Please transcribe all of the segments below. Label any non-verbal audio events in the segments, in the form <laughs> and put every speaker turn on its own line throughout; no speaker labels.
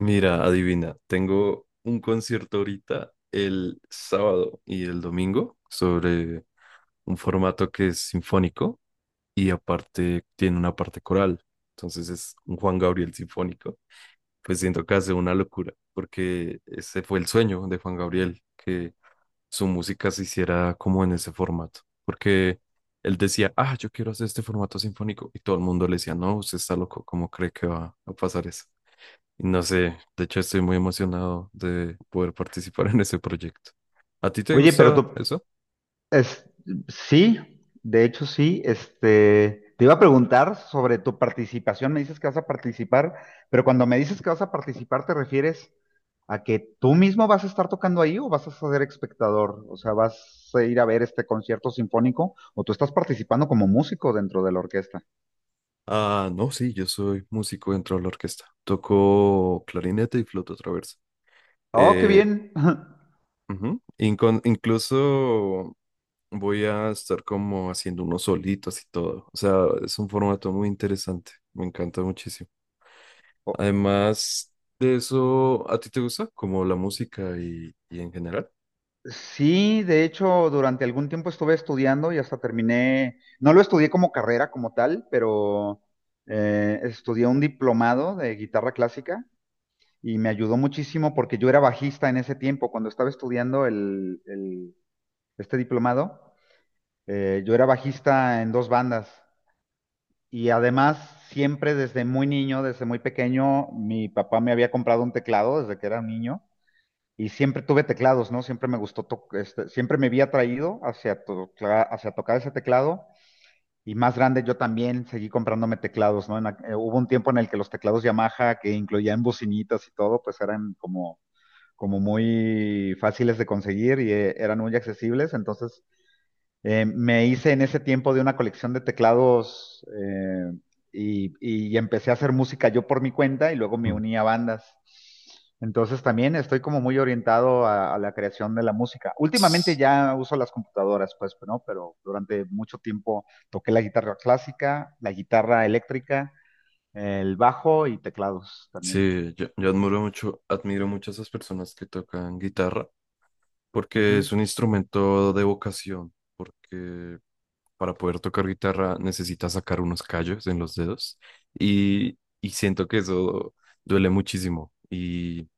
Mira, adivina, tengo un concierto ahorita el sábado y el domingo sobre un formato que es sinfónico y aparte tiene una parte coral. Entonces es un Juan Gabriel sinfónico. Pues siento que hace una locura porque ese fue el sueño de Juan Gabriel, que su música se hiciera como en ese formato. Porque él decía, ah, yo quiero hacer este formato sinfónico y todo el mundo le decía, no, usted está loco, ¿cómo cree que va a pasar eso? No sé, de hecho estoy muy emocionado de poder participar <laughs> en ese proyecto. ¿A ti te
Oye, pero
gusta
tú,
eso?
es, sí, de hecho sí, te iba a preguntar sobre tu participación. Me dices que vas a participar, pero cuando me dices que vas a participar, ¿te refieres a que tú mismo vas a estar tocando ahí o vas a ser espectador? O sea, ¿vas a ir a ver este concierto sinfónico o tú estás participando como músico dentro de la orquesta?
Ah, no, sí, yo soy músico dentro de la orquesta. Toco clarinete y flauta traversa.
Oh, qué
Eh,
bien. <laughs>
Ujú, incluso voy a estar como haciendo unos solitos y todo. O sea, es un formato muy interesante. Me encanta muchísimo.
Oh.
Además de eso, ¿a ti te gusta como la música y en general?
Sí, de hecho, durante algún tiempo estuve estudiando y hasta terminé, no lo estudié como carrera como tal, pero estudié un diplomado de guitarra clásica y me ayudó muchísimo porque yo era bajista en ese tiempo, cuando estaba estudiando este diplomado. Yo era bajista en dos bandas y además siempre desde muy niño, desde muy pequeño, mi papá me había comprado un teclado desde que era un niño y siempre tuve teclados, ¿no? Siempre me gustó, siempre me había atraído hacia, hacia tocar ese teclado. Y más grande yo también seguí comprándome teclados, ¿no? Hubo un tiempo en el que los teclados Yamaha, que incluían bocinitas y todo, pues eran como, como muy fáciles de conseguir, y eran muy accesibles. Entonces me hice en ese tiempo de una colección de teclados y empecé a hacer música yo por mi cuenta y luego me
Mm.
uní a bandas. Entonces también estoy como muy orientado a la creación de la música. Últimamente ya uso las computadoras, pues, ¿no? Pero durante mucho tiempo toqué la guitarra clásica, la guitarra eléctrica, el bajo y teclados también.
Sí, yo admiro mucho a esas personas que tocan guitarra, porque
Ujú.
es un instrumento de vocación, porque para poder tocar guitarra necesitas sacar unos callos en los dedos y siento que eso duele muchísimo y,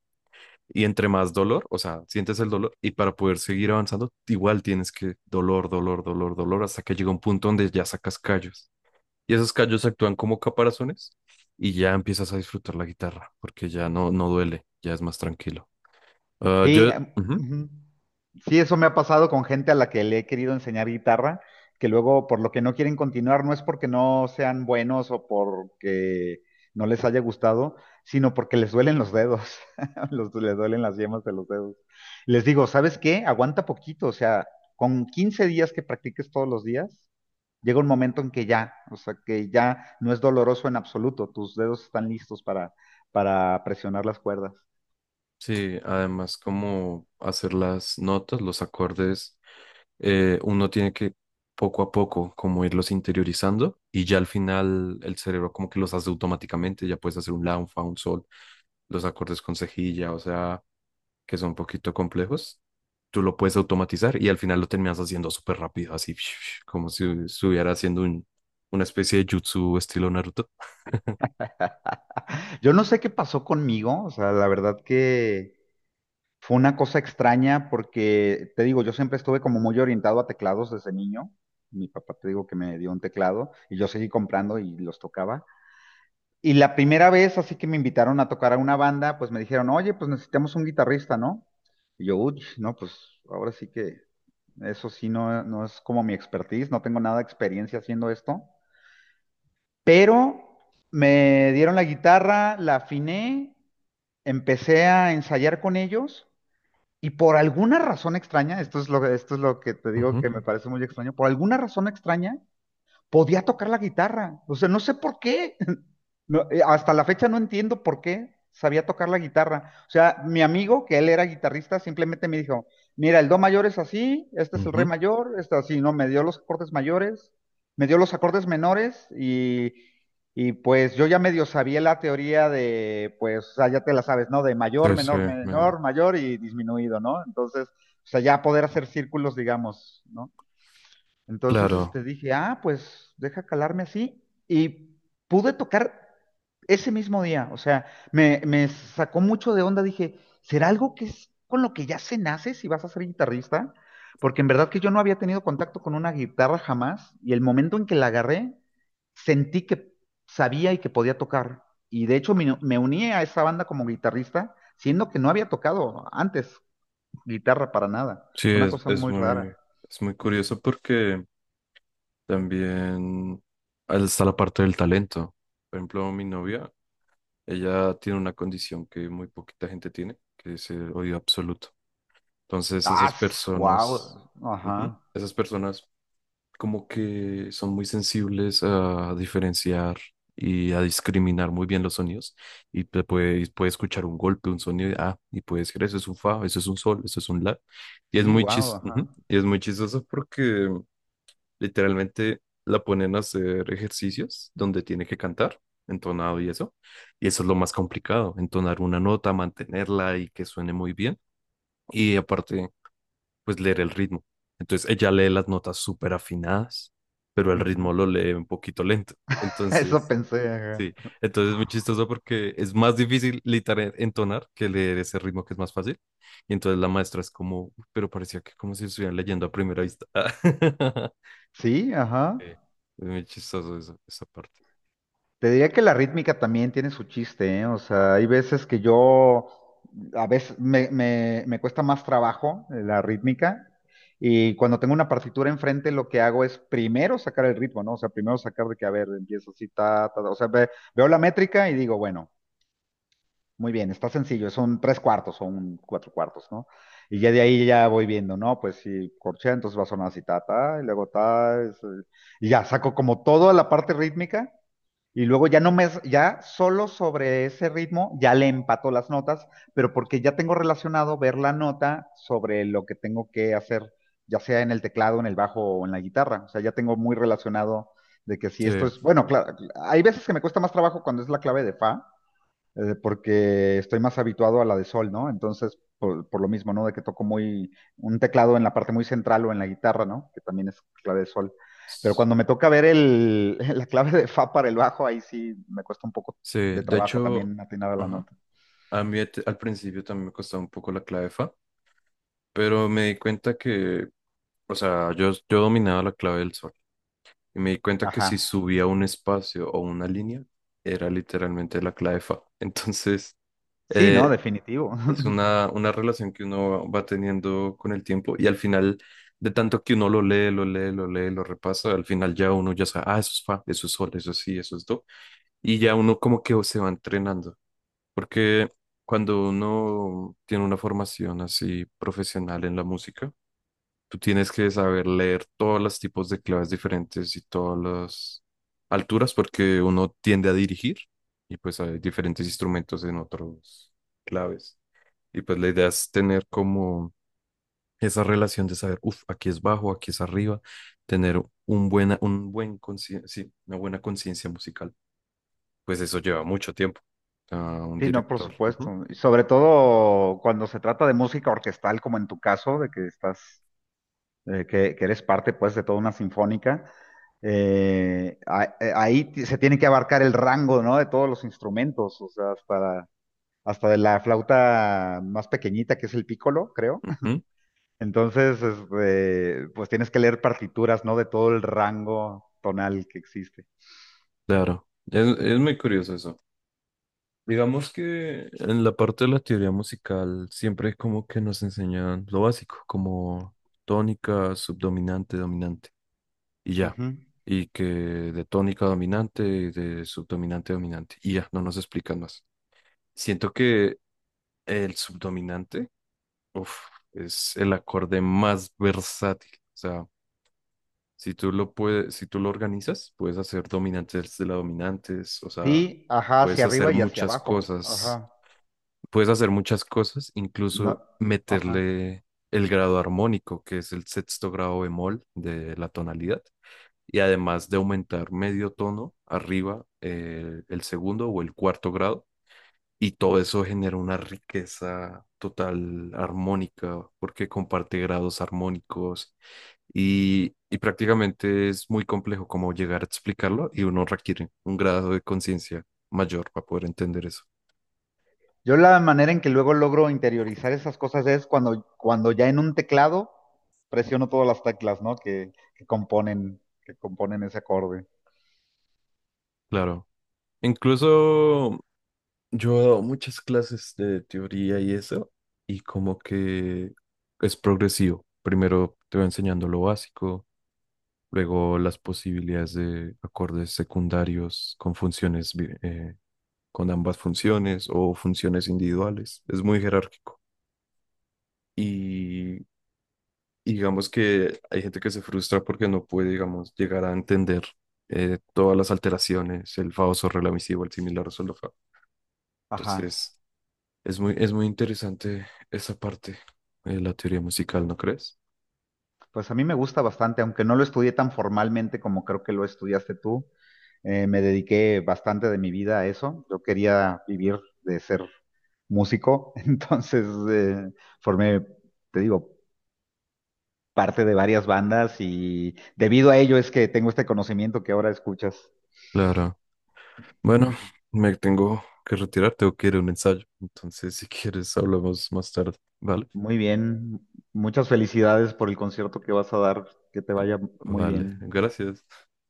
y entre más dolor, o sea, sientes el dolor y para poder seguir avanzando, igual tienes que dolor, dolor, dolor, dolor, hasta que llega un punto donde ya sacas callos y esos callos actúan como caparazones y ya empiezas a disfrutar la guitarra porque ya no, no duele, ya es más tranquilo. Ah,
Sí,
yo, ujú,
ujú. Sí, eso me ha pasado con gente a la que le he querido enseñar guitarra, que luego por lo que no quieren continuar no es porque no sean buenos o porque no les haya gustado, sino porque les duelen los dedos, <laughs> les duelen las yemas de los dedos. Les digo, ¿sabes qué? Aguanta poquito, o sea, con 15 días que practiques todos los días, llega un momento en que ya, o sea, que ya no es doloroso en absoluto, tus dedos están listos para presionar las cuerdas.
sí, además como hacer las notas, los acordes, uno tiene que poco a poco como irlos interiorizando y ya al final el cerebro como que los hace automáticamente, ya puedes hacer un la, un fa, un sol, los acordes con cejilla, o sea, que son un poquito complejos, tú lo puedes automatizar y al final lo terminas haciendo súper rápido, así <laughs> como si estuviera haciendo un, una especie de jutsu estilo Naruto.
Yo no sé qué pasó conmigo, o sea, la verdad que fue una cosa extraña porque, te digo, yo siempre estuve como muy orientado a teclados desde niño. Mi papá, te digo, que me dio un teclado y yo seguí comprando y los tocaba. Y la primera vez, así que me invitaron a tocar a una banda, pues me dijeron, oye, pues necesitamos un guitarrista, ¿no? Y yo, uy, no, pues ahora sí que eso sí no, no es como mi expertise, no tengo nada de experiencia haciendo esto. Pero me dieron la guitarra, la afiné, empecé a ensayar con ellos y por alguna razón extraña, esto es lo que te digo
Ujú,
que me parece muy extraño, por alguna razón extraña, podía tocar la guitarra. O sea, no sé por qué. <laughs> No, hasta la fecha no entiendo por qué sabía tocar la guitarra. O sea, mi amigo, que él era guitarrista, simplemente me dijo, mira, el do mayor es así, este es el re
ujú.
mayor, este así, ¿no? Me dio los acordes mayores, me dio los acordes menores y pues yo ya medio sabía la teoría de, pues, o sea, ya te la sabes, ¿no? De
Sí,
mayor,
sí,
menor,
men-
menor, mayor y disminuido, ¿no? Entonces, o sea, ya poder hacer círculos, digamos, ¿no? Entonces,
claro,
dije, ah, pues deja calarme así. Y pude tocar ese mismo día. O sea, me sacó mucho de onda. Dije, ¿será algo que es con lo que ya se nace si vas a ser guitarrista? Porque en verdad que yo no había tenido contacto con una guitarra jamás. Y el momento en que la agarré, sentí que sabía y que podía tocar. Y de hecho me uní a esa banda como guitarrista, siendo que no había tocado antes guitarra para nada.
sí,
Fue una cosa muy rara.
es muy curioso porque también ahí está la parte del talento. Por ejemplo, mi novia, ella tiene una condición que muy poquita gente tiene, que es el oído absoluto. Entonces, esas
Ah,
personas,
wow.
ujú,
Ajá.
esas personas como que son muy sensibles a diferenciar y a discriminar muy bien los sonidos. Y te puede, puede escuchar un golpe, un sonido, y, ah, y puede decir, eso es un fa, eso es un sol, eso es un la. Y es
Sí,
muy
wow,
chis, ujú,
ajá.
y es muy chistoso porque literalmente la ponen a hacer ejercicios donde tiene que cantar entonado y eso es lo más complicado, entonar una nota, mantenerla y que suene muy bien. Y aparte, pues leer el ritmo. Entonces ella lee las notas súper afinadas, pero el
Ujú.
ritmo lo lee un poquito lento.
<laughs> Eso
Entonces,
pensé, ajá.
sí, entonces es muy chistoso porque es más difícil literal entonar que leer ese ritmo que es más fácil. Y entonces la maestra es como, "Uy, pero parecía que como si estuvieran leyendo a primera vista". <laughs>
Sí, ajá.
Sí, es muy chistoso eso, esa parte.
Te diría que la rítmica también tiene su chiste, ¿eh? O sea, hay veces que yo, a veces me cuesta más trabajo la rítmica, y cuando tengo una partitura enfrente lo que hago es primero sacar el ritmo, ¿no? O sea, primero sacar de que, a ver, empiezo así, ta, ta, ta. O sea, veo la métrica y digo, bueno. Muy bien, está sencillo, son tres cuartos o un cuatro cuartos, ¿no? Y ya de ahí ya voy viendo, ¿no? Pues si corchea, entonces va a sonar así, ta, ta, y luego ta, y ya saco como toda la parte rítmica, y luego ya no me, ya solo sobre ese ritmo ya le empato las notas, pero porque ya tengo relacionado ver la nota sobre lo que tengo que hacer, ya sea en el teclado, en el bajo o en la guitarra. O sea, ya tengo muy relacionado de que si
Sí,
esto es, bueno, claro, hay veces que me cuesta más trabajo cuando es la clave de fa, porque estoy más habituado a la de sol, ¿no? Entonces, por lo mismo, ¿no? De que toco muy un teclado en la parte muy central o en la guitarra, ¿no? Que también es clave de sol. Pero
s-
cuando me toca ver <laughs> la clave de fa para el bajo, ahí sí me cuesta un poco
sí,
de
de
trabajo
hecho,
también atinar a la
ajá,
nota.
a mí al principio también me costaba un poco la clave fa, pero me di cuenta que, o sea, yo dominaba la clave del sol y me di cuenta que si
Ajá.
subía un espacio o una línea, era literalmente la clave fa. <laughs> Entonces,
Sí, no,
eh,
definitivo.
es
<laughs>
una relación que uno va teniendo con el tiempo y al final, de tanto que uno lo lee, lo lee, lo lee, lo repasa, al final ya uno ya sabe, ah, eso es fa, eso es sol, eso es si, eso es do. Y ya uno como que se va entrenando, porque cuando uno tiene una formación así profesional en la música, tú tienes que saber leer todos los tipos de claves diferentes y todas las alturas porque uno tiende a dirigir y pues hay diferentes instrumentos en otros claves. Y pues la idea es tener como esa relación de saber, uff, aquí es bajo, aquí es arriba, tener un buena, un buen sí, una buena conciencia musical. Pues eso lleva mucho tiempo a un
Sí, no, por
director. Ujú,
supuesto. Y sobre todo cuando se trata de música orquestal, como en tu caso, de que estás que eres parte pues de toda una sinfónica. Se tiene que abarcar el rango, ¿no? De todos los instrumentos, o sea, hasta, hasta de la flauta más pequeñita, que es el pícolo, creo.
ujú,
<laughs> Entonces, pues tienes que leer partituras, ¿no? De todo el rango tonal que existe.
claro, es muy curioso eso. Digamos que en la parte de la teoría musical siempre como que nos enseñan lo básico, como tónica, subdominante, dominante, y ya.
Ujú.
Y que de tónica dominante y de subdominante dominante, y ya, no nos explican más. Siento que el subdominante, uf, es el acorde más versátil. O sea, si tú lo puedes, si tú lo organizas, puedes hacer dominantes de la dominantes, o sea,
Sí, ajá,
puedes
hacia
hacer
arriba y hacia
muchas
abajo.
cosas,
Ajá.
puedes hacer muchas cosas,
No,
incluso
ajá.
meterle el grado armónico, que es el sexto grado bemol de la tonalidad, y además de aumentar medio tono arriba el segundo o el cuarto grado, y todo eso genera una riqueza total armónica, porque comparte grados armónicos, y prácticamente es muy complejo como llegar a explicarlo, y uno requiere un grado de conciencia mayor para poder entender eso.
Yo la manera en que luego logro interiorizar esas cosas es cuando, cuando ya en un teclado presiono todas las teclas, ¿no? Que componen ese acorde.
Claro. Incluso yo he dado muchas clases de teoría y eso, y como que es progresivo. Primero te va enseñando lo básico, luego las posibilidades de acordes secundarios con funciones, con ambas funciones o funciones individuales. Es muy jerárquico. Y digamos que hay gente que se frustra porque no puede, digamos, llegar a entender todas las alteraciones, el famoso relativo, el similar, el solo fa.
Ajá.
Entonces es muy, es muy interesante esa parte de la teoría musical, ¿no crees?
Pues a mí me gusta bastante, aunque no lo estudié tan formalmente como creo que lo estudiaste tú. Me dediqué bastante de mi vida a eso. Yo quería vivir de ser músico, <laughs> entonces eh, formé, te digo, parte de varias bandas y debido a ello es que tengo este conocimiento que ahora escuchas.
Claro. Bueno, me tengo que retirar, tengo que ir a un ensayo. Entonces, si quieres, hablamos más tarde. Vale,
Muy bien. Muchas felicidades por el concierto que vas a dar. Que te vaya muy
vale.
bien.
Gracias.